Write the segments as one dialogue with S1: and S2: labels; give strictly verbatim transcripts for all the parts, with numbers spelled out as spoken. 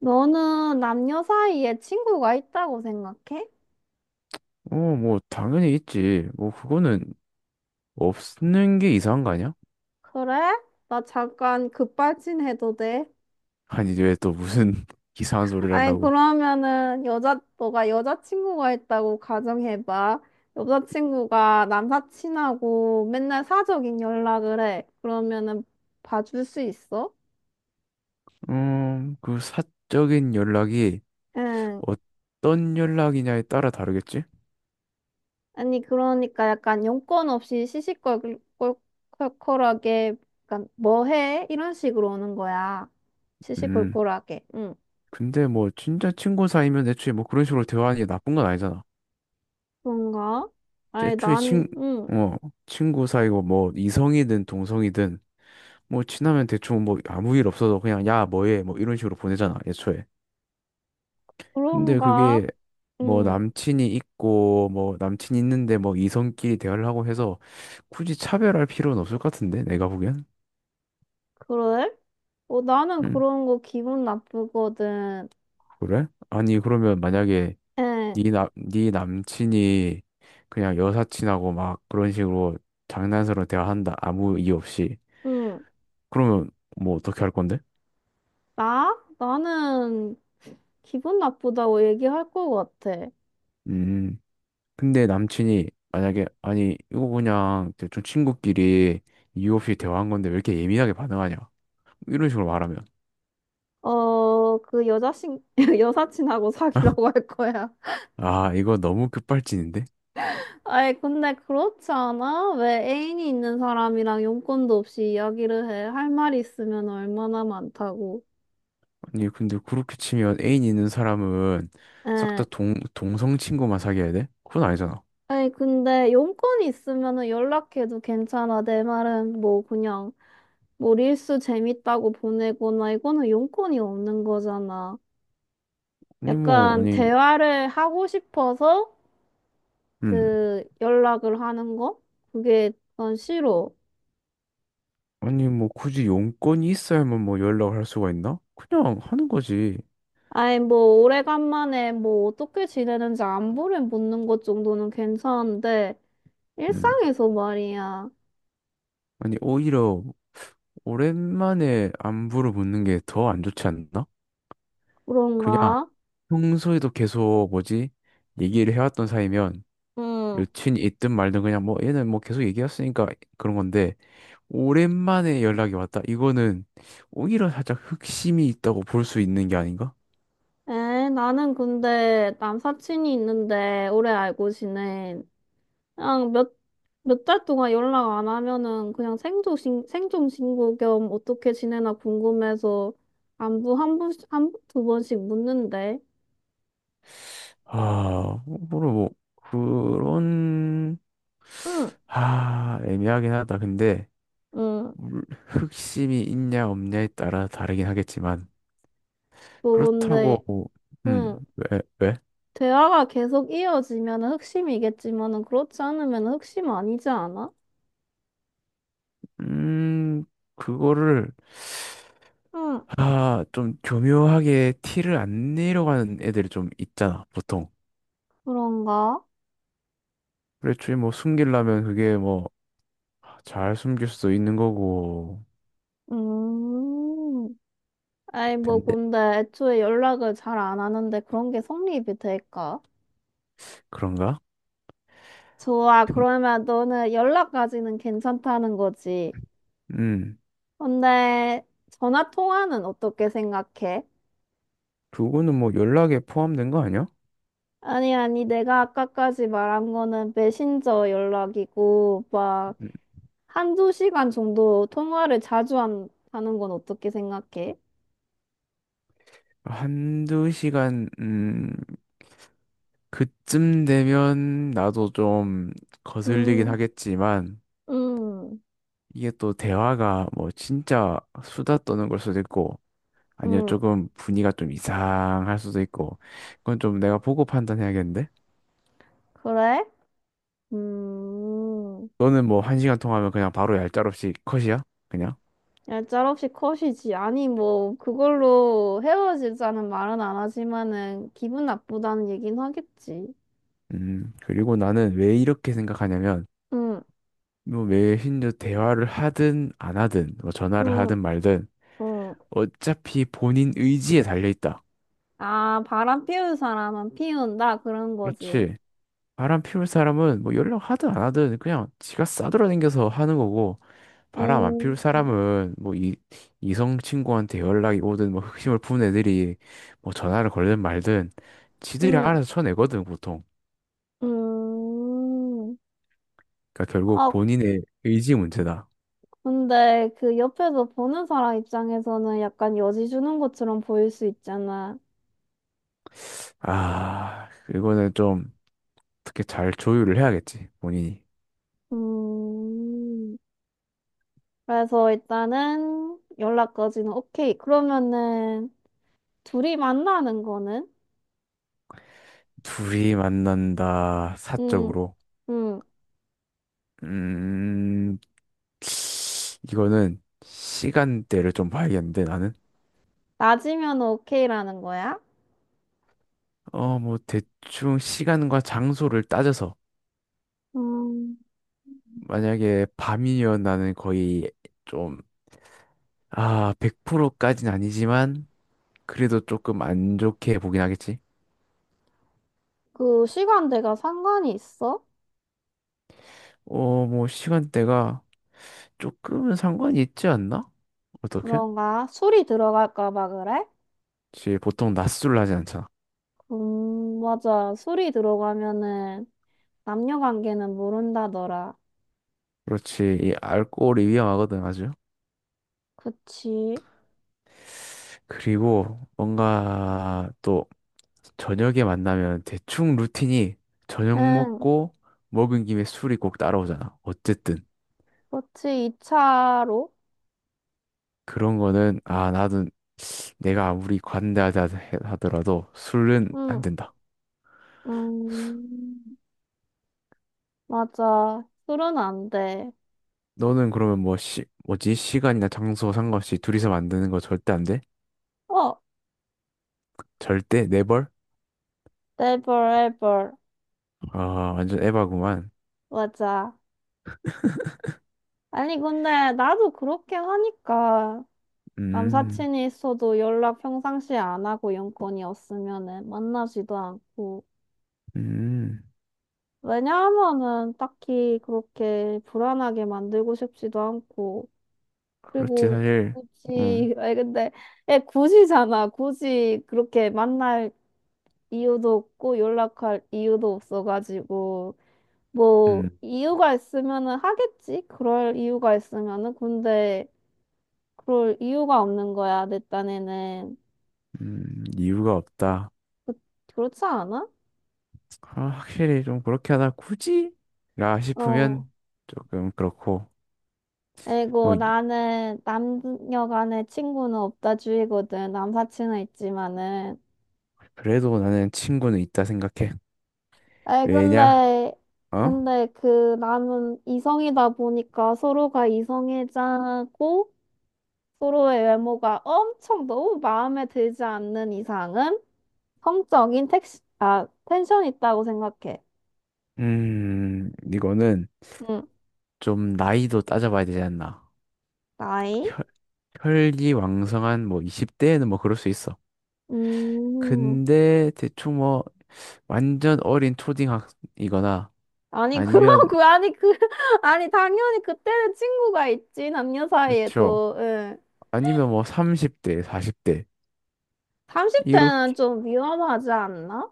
S1: 너는 남녀 사이에 친구가 있다고 생각해?
S2: 어, 뭐, 당연히 있지. 뭐, 그거는 없는 게 이상한 거 아니야?
S1: 그래? 나 잠깐 급발진해도 돼?
S2: 아니, 왜 또 무슨 이상한 소리를
S1: 아니,
S2: 하려고.
S1: 그러면은 여자, 너가 여자친구가 있다고 가정해봐. 여자친구가 남사친하고 맨날 사적인 연락을 해. 그러면은 봐줄 수 있어?
S2: 음, 그 사적인 연락이
S1: 응.
S2: 어떤 연락이냐에 따라 다르겠지?
S1: 아니, 그러니까 약간 용건 없이 시시콜콜하게, 약간 뭐 해? 이런 식으로 오는 거야.
S2: 음,
S1: 시시콜콜하게. 응.
S2: 근데 뭐, 진짜 친구 사이면 애초에 뭐 그런 식으로 대화하는 게 나쁜 건 아니잖아.
S1: 그런가? 아니,
S2: 애초에
S1: 난,
S2: 친,
S1: 응,
S2: 어, 친구 사이고 뭐, 이성이든 동성이든, 뭐, 친하면 대충 뭐, 아무 일 없어도 그냥, 야, 뭐해? 뭐, 이런 식으로 보내잖아, 애초에. 근데
S1: 그런가?
S2: 그게 뭐
S1: 응,
S2: 남친이 있고 뭐 남친 있는데 뭐 이성끼리 대화를 하고 해서 굳이 차별할 필요는 없을 것 같은데 내가 보기엔.
S1: 그래? 어, 나는
S2: 응,
S1: 그런 거 기분 나쁘거든.
S2: 그래? 아니 그러면 만약에
S1: 응,
S2: 네남네 남친이 그냥 여사친하고 막 그런 식으로 장난스러운 대화한다 아무 이유 없이
S1: 응,
S2: 그러면 뭐 어떻게 할 건데?
S1: 나? 나는 기분 나쁘다고 얘기할 것 같아.
S2: 음 근데 남친이 만약에 아니 이거 그냥 대충 친구끼리 이유 없이 대화한 건데 왜 이렇게 예민하게 반응하냐 이런 식으로 말하면.
S1: 어, 그 여자친, 여사친하고 사귀라고 할 거야.
S2: 아, 이거 너무 급발진인데?
S1: 아이, 근데 그렇지 않아? 왜 애인이 있는 사람이랑 용건도 없이 이야기를 해? 할 말이 있으면 얼마나 많다고.
S2: 아니, 근데 그렇게 치면 애인 있는 사람은 싹
S1: 응.
S2: 다 동, 동성 친구만 사귀어야 돼? 그건 아니잖아.
S1: 아니, 근데 용건이 있으면은 연락해도 괜찮아. 내 말은 뭐 그냥 뭐 릴스 재밌다고 보내거나 이거는 용건이 없는 거잖아.
S2: 아니, 뭐,
S1: 약간
S2: 아니,
S1: 대화를 하고 싶어서
S2: 음.
S1: 그 연락을 하는 거? 그게 난 싫어.
S2: 아니, 뭐, 굳이 용건이 있어야만 뭐 연락을 할 수가 있나? 그냥 하는 거지.
S1: 아니, 뭐 오래간만에 뭐 어떻게 지내는지 안부를 묻는 것 정도는 괜찮은데
S2: 음.
S1: 일상에서 말이야.
S2: 아니, 오히려 오랜만에 안부를 묻는 게 더 안 좋지 않나? 그냥
S1: 그런가?
S2: 평소에도 계속 뭐지? 얘기를 해왔던 사이면
S1: 응.
S2: 여친이 있든 말든 그냥 뭐 얘는 뭐 계속 얘기했으니까 그런 건데 오랜만에 연락이 왔다. 이거는 오히려 살짝 흑심이 있다고 볼 수 있는 게 아닌가?
S1: 에, 나는 근데 남사친이 있는데 오래 알고 지낸 그냥 몇, 몇 달 동안 연락 안 하면은 그냥 생존신, 생존신고 겸 어떻게 지내나 궁금해서 안부 한 번, 한, 두 번씩 묻는데.
S2: 아, 뭐로 뭐 그런
S1: 응,
S2: 아, 애매하긴 하다. 근데
S1: 응.
S2: 물- 흑심이 있냐 없냐에 따라 다르긴 하겠지만
S1: 뭐
S2: 그렇다고
S1: 근데,
S2: 뭐,
S1: 응.
S2: 음, 왜, 왜?
S1: 대화가 계속 이어지면은 흑심이겠지만은 그렇지 않으면 흑심 아니지 않아?
S2: 음, 그거를
S1: 응,
S2: 아, 좀 교묘하게 티를 안 내려가는 애들이 좀 있잖아, 보통.
S1: 그런가?
S2: 그래, 주뭐 숨기려면 그게 뭐 잘 숨길 수도 있는 거고.
S1: 음. 아이, 뭐,
S2: 근데
S1: 근데 애초에 연락을 잘 안 하는데 그런 게 성립이 될까?
S2: 그런가?
S1: 좋아,
S2: 근-
S1: 그러면 너는 연락까지는 괜찮다는 거지.
S2: 음.
S1: 근데 전화 통화는 어떻게 생각해?
S2: 그거는 뭐 연락에 포함된 거 아니야?
S1: 아니, 아니, 내가 아까까지 말한 거는 메신저 연락이고, 막,
S2: 음,
S1: 한두 시간 정도 통화를 자주 한, 하는 건 어떻게 생각해?
S2: 한두 시간 음 그쯤 되면 나도 좀 거슬리긴
S1: 음,
S2: 하겠지만
S1: 음,
S2: 이게 또 대화가 뭐 진짜 수다 떠는 걸 수도 있고 아니면
S1: 음,
S2: 조금 분위기가 좀 이상할 수도 있고 그건 좀 내가 보고 판단해야겠는데?
S1: 그래? 음.
S2: 너는 뭐 한 시간 통화하면 그냥 바로 얄짤없이 컷이야? 그냥?
S1: 야, 짤없이 컷이지. 아니, 뭐, 그걸로 헤어지자는 말은 안 하지만은, 기분 나쁘다는 얘긴 하겠지.
S2: 음, 그리고 나는 왜 이렇게 생각하냐면
S1: 응,
S2: 뭐 메신저 대화를 하든 안 하든 뭐 전화를
S1: 응,
S2: 하든 말든
S1: 응.
S2: 어차피 본인 의지에 달려 있다.
S1: 아, 바람 피울 사람은 피운다. 그런 거지.
S2: 그렇지. 바람 피울 사람은 뭐 연락하든 안 하든 그냥 지가 싸돌아다녀서 하는 거고 바람 안
S1: 음,
S2: 피울 사람은 뭐 이 이성 친구한테 연락이 오든 뭐 흑심을 푼 애들이 뭐 전화를 걸든 말든 지들이
S1: 응,
S2: 알아서 쳐내거든 보통.
S1: 음.
S2: 그러니까 결국
S1: 아,
S2: 본인의 의지 문제다.
S1: 근데 그 옆에서 보는 사람 입장에서는 약간 여지 주는 것처럼 보일 수 있잖아.
S2: 아, 이거는 좀 어떻게 잘 조율을 해야겠지 본인이.
S1: 음. 그래서 일단은 연락까지는 오케이. 그러면은, 둘이 만나는 거는?
S2: 둘이 만난다,
S1: 음,
S2: 사적으로.
S1: 음,
S2: 음, 이거는 시간대를 좀 봐야겠는데, 나는?
S1: 낮이면 오케이라는 거야?
S2: 어, 뭐, 대충 시간과 장소를 따져서,
S1: 음,
S2: 만약에 밤이면 나는 거의 좀, 아, 백 퍼센트까진 아니지만, 그래도 조금 안 좋게 보긴 하겠지.
S1: 그 시간대가 상관이 있어?
S2: 어, 뭐, 시간대가 조금은 상관이 있지 않나? 어떻게?
S1: 그런가? 술이 들어갈까 봐 그래?
S2: 그치, 보통 낮술을 하지 않잖아.
S1: 음, 맞아. 술이 들어가면은 남녀 관계는 모른다더라.
S2: 그렇지, 이 알코올이 위험하거든, 아주.
S1: 그치?
S2: 그리고 뭔가 또 저녁에 만나면 대충 루틴이 저녁
S1: 응,
S2: 먹고 먹은 김에 술이 꼭 따라오잖아. 어쨌든
S1: 그치. 이 차로?
S2: 그런 거는 아 나도 내가 아무리 관대하다 해- 하더라도 술은 안
S1: 응,
S2: 된다.
S1: 음, 맞아. 술은 안 돼.
S2: 너는 그러면 뭐 시, 뭐지? 시간이나 장소 상관없이 둘이서 만드는 거 절대 안 돼?
S1: 어,
S2: 절대? 네벌?
S1: never ever.
S2: 아 완전 에바구만.
S1: 맞아. 아니, 근데 나도 그렇게 하니까
S2: 음.
S1: 남사친이 있어도 연락 평상시에 안 하고 연건이 없으면은 만나지도 않고.
S2: 음.
S1: 왜냐하면은 딱히 그렇게 불안하게 만들고 싶지도 않고.
S2: 그렇지
S1: 그리고
S2: 사실. 음.
S1: 굳이, 아니 근데, 애 굳이잖아. 굳이 그렇게 만날 이유도 없고 연락할 이유도 없어가지고. 뭐,
S2: 음.
S1: 이유가 있으면은 하겠지? 그럴 이유가 있으면은. 근데 그럴 이유가 없는 거야, 내 딴에는.
S2: 음. 이유가 없다.
S1: 그렇지 않아?
S2: 아, 확실히 좀 그렇게 하다 굳이? 라
S1: 어.
S2: 싶으면 조금 그렇고
S1: 그리고
S2: 뭐 이-
S1: 나는 남녀 간의 친구는 없다 주의거든. 남사친은 있지만은.
S2: 그래도 나는 친구는 있다 생각해.
S1: 아이,
S2: 왜냐?
S1: 근데,
S2: 어?
S1: 근데 그 나는 이성이다 보니까 서로가 이성애자고 서로의 외모가 엄청 너무 마음에 들지 않는 이상은 성적인 택시, 아, 텐션 있다고 생각해.
S2: 음, 이거는
S1: 응,
S2: 좀 나이도 따져봐야 되지 않나.
S1: 나이?
S2: 혈, 혈기왕성한 뭐 이십 대에는 뭐 그럴 수 있어.
S1: 음.
S2: 근데 대충 뭐 완전 어린 초딩학이거나
S1: 아니,
S2: 아니면
S1: 그러고, 아니, 그, 아니, 당연히 그때는 친구가 있지, 남녀
S2: 그렇죠.
S1: 사이에도. 응.
S2: 아니면 뭐 삼십 대, 사십 대
S1: 삼십 대는
S2: 이렇게
S1: 좀 위험하지 않나?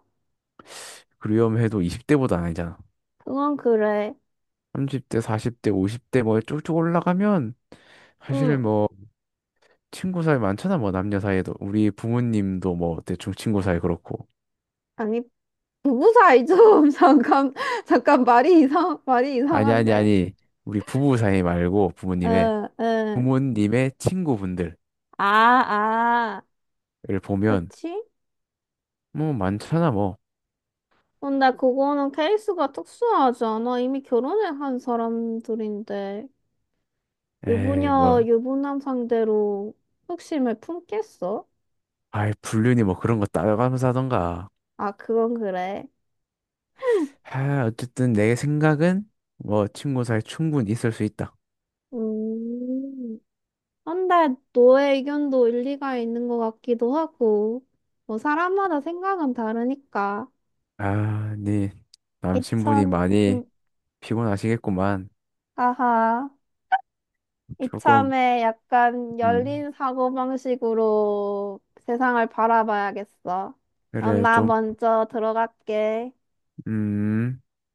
S2: 그리움해도 이십 대보다 아니잖아.
S1: 그건 그래.
S2: 삼십 대, 사십 대, 오십 대 뭐 쭉쭉 올라가면 사실
S1: 응.
S2: 뭐 친구 사이 많잖아. 뭐 남녀 사이에도 우리 부모님도 뭐 대충 친구 사이 그렇고.
S1: 아니, 부부 사이 좀, 잠깐, 잠깐, 말이 이상, 말이
S2: 아니 아니
S1: 이상한데?
S2: 아니. 우리 부부 사이 말고 부모님의
S1: 응, 응.
S2: 부모님의 친구분들을
S1: 아, 아.
S2: 보면
S1: 그치?
S2: 뭐 많잖아 뭐.
S1: 근데 그거는 케이스가 특수하지 않아? 이미 결혼을 한 사람들인데,
S2: 에이
S1: 유부녀,
S2: 뭐
S1: 유부남 상대로 흑심을 품겠어?
S2: 아이 불륜이 뭐 그런 거 따라가면서 하던가.
S1: 아, 그건 그래.
S2: 아 어쨌든 내 생각은 뭐 친구 사이 충분히 있을 수 있다.
S1: 음. 근데 너의 의견도 일리가 있는 것 같기도 하고, 뭐 사람마다 생각은 다르니까.
S2: 아, 네 남친분이
S1: 이참,
S2: 많이
S1: 음,
S2: 피곤하시겠구만.
S1: 아하.
S2: 조금.
S1: 이참에 약간
S2: 음,
S1: 열린 사고방식으로 세상을 바라봐야겠어. 그럼
S2: 그래,
S1: 나
S2: 좀.
S1: 먼저 들어갈게.
S2: 음.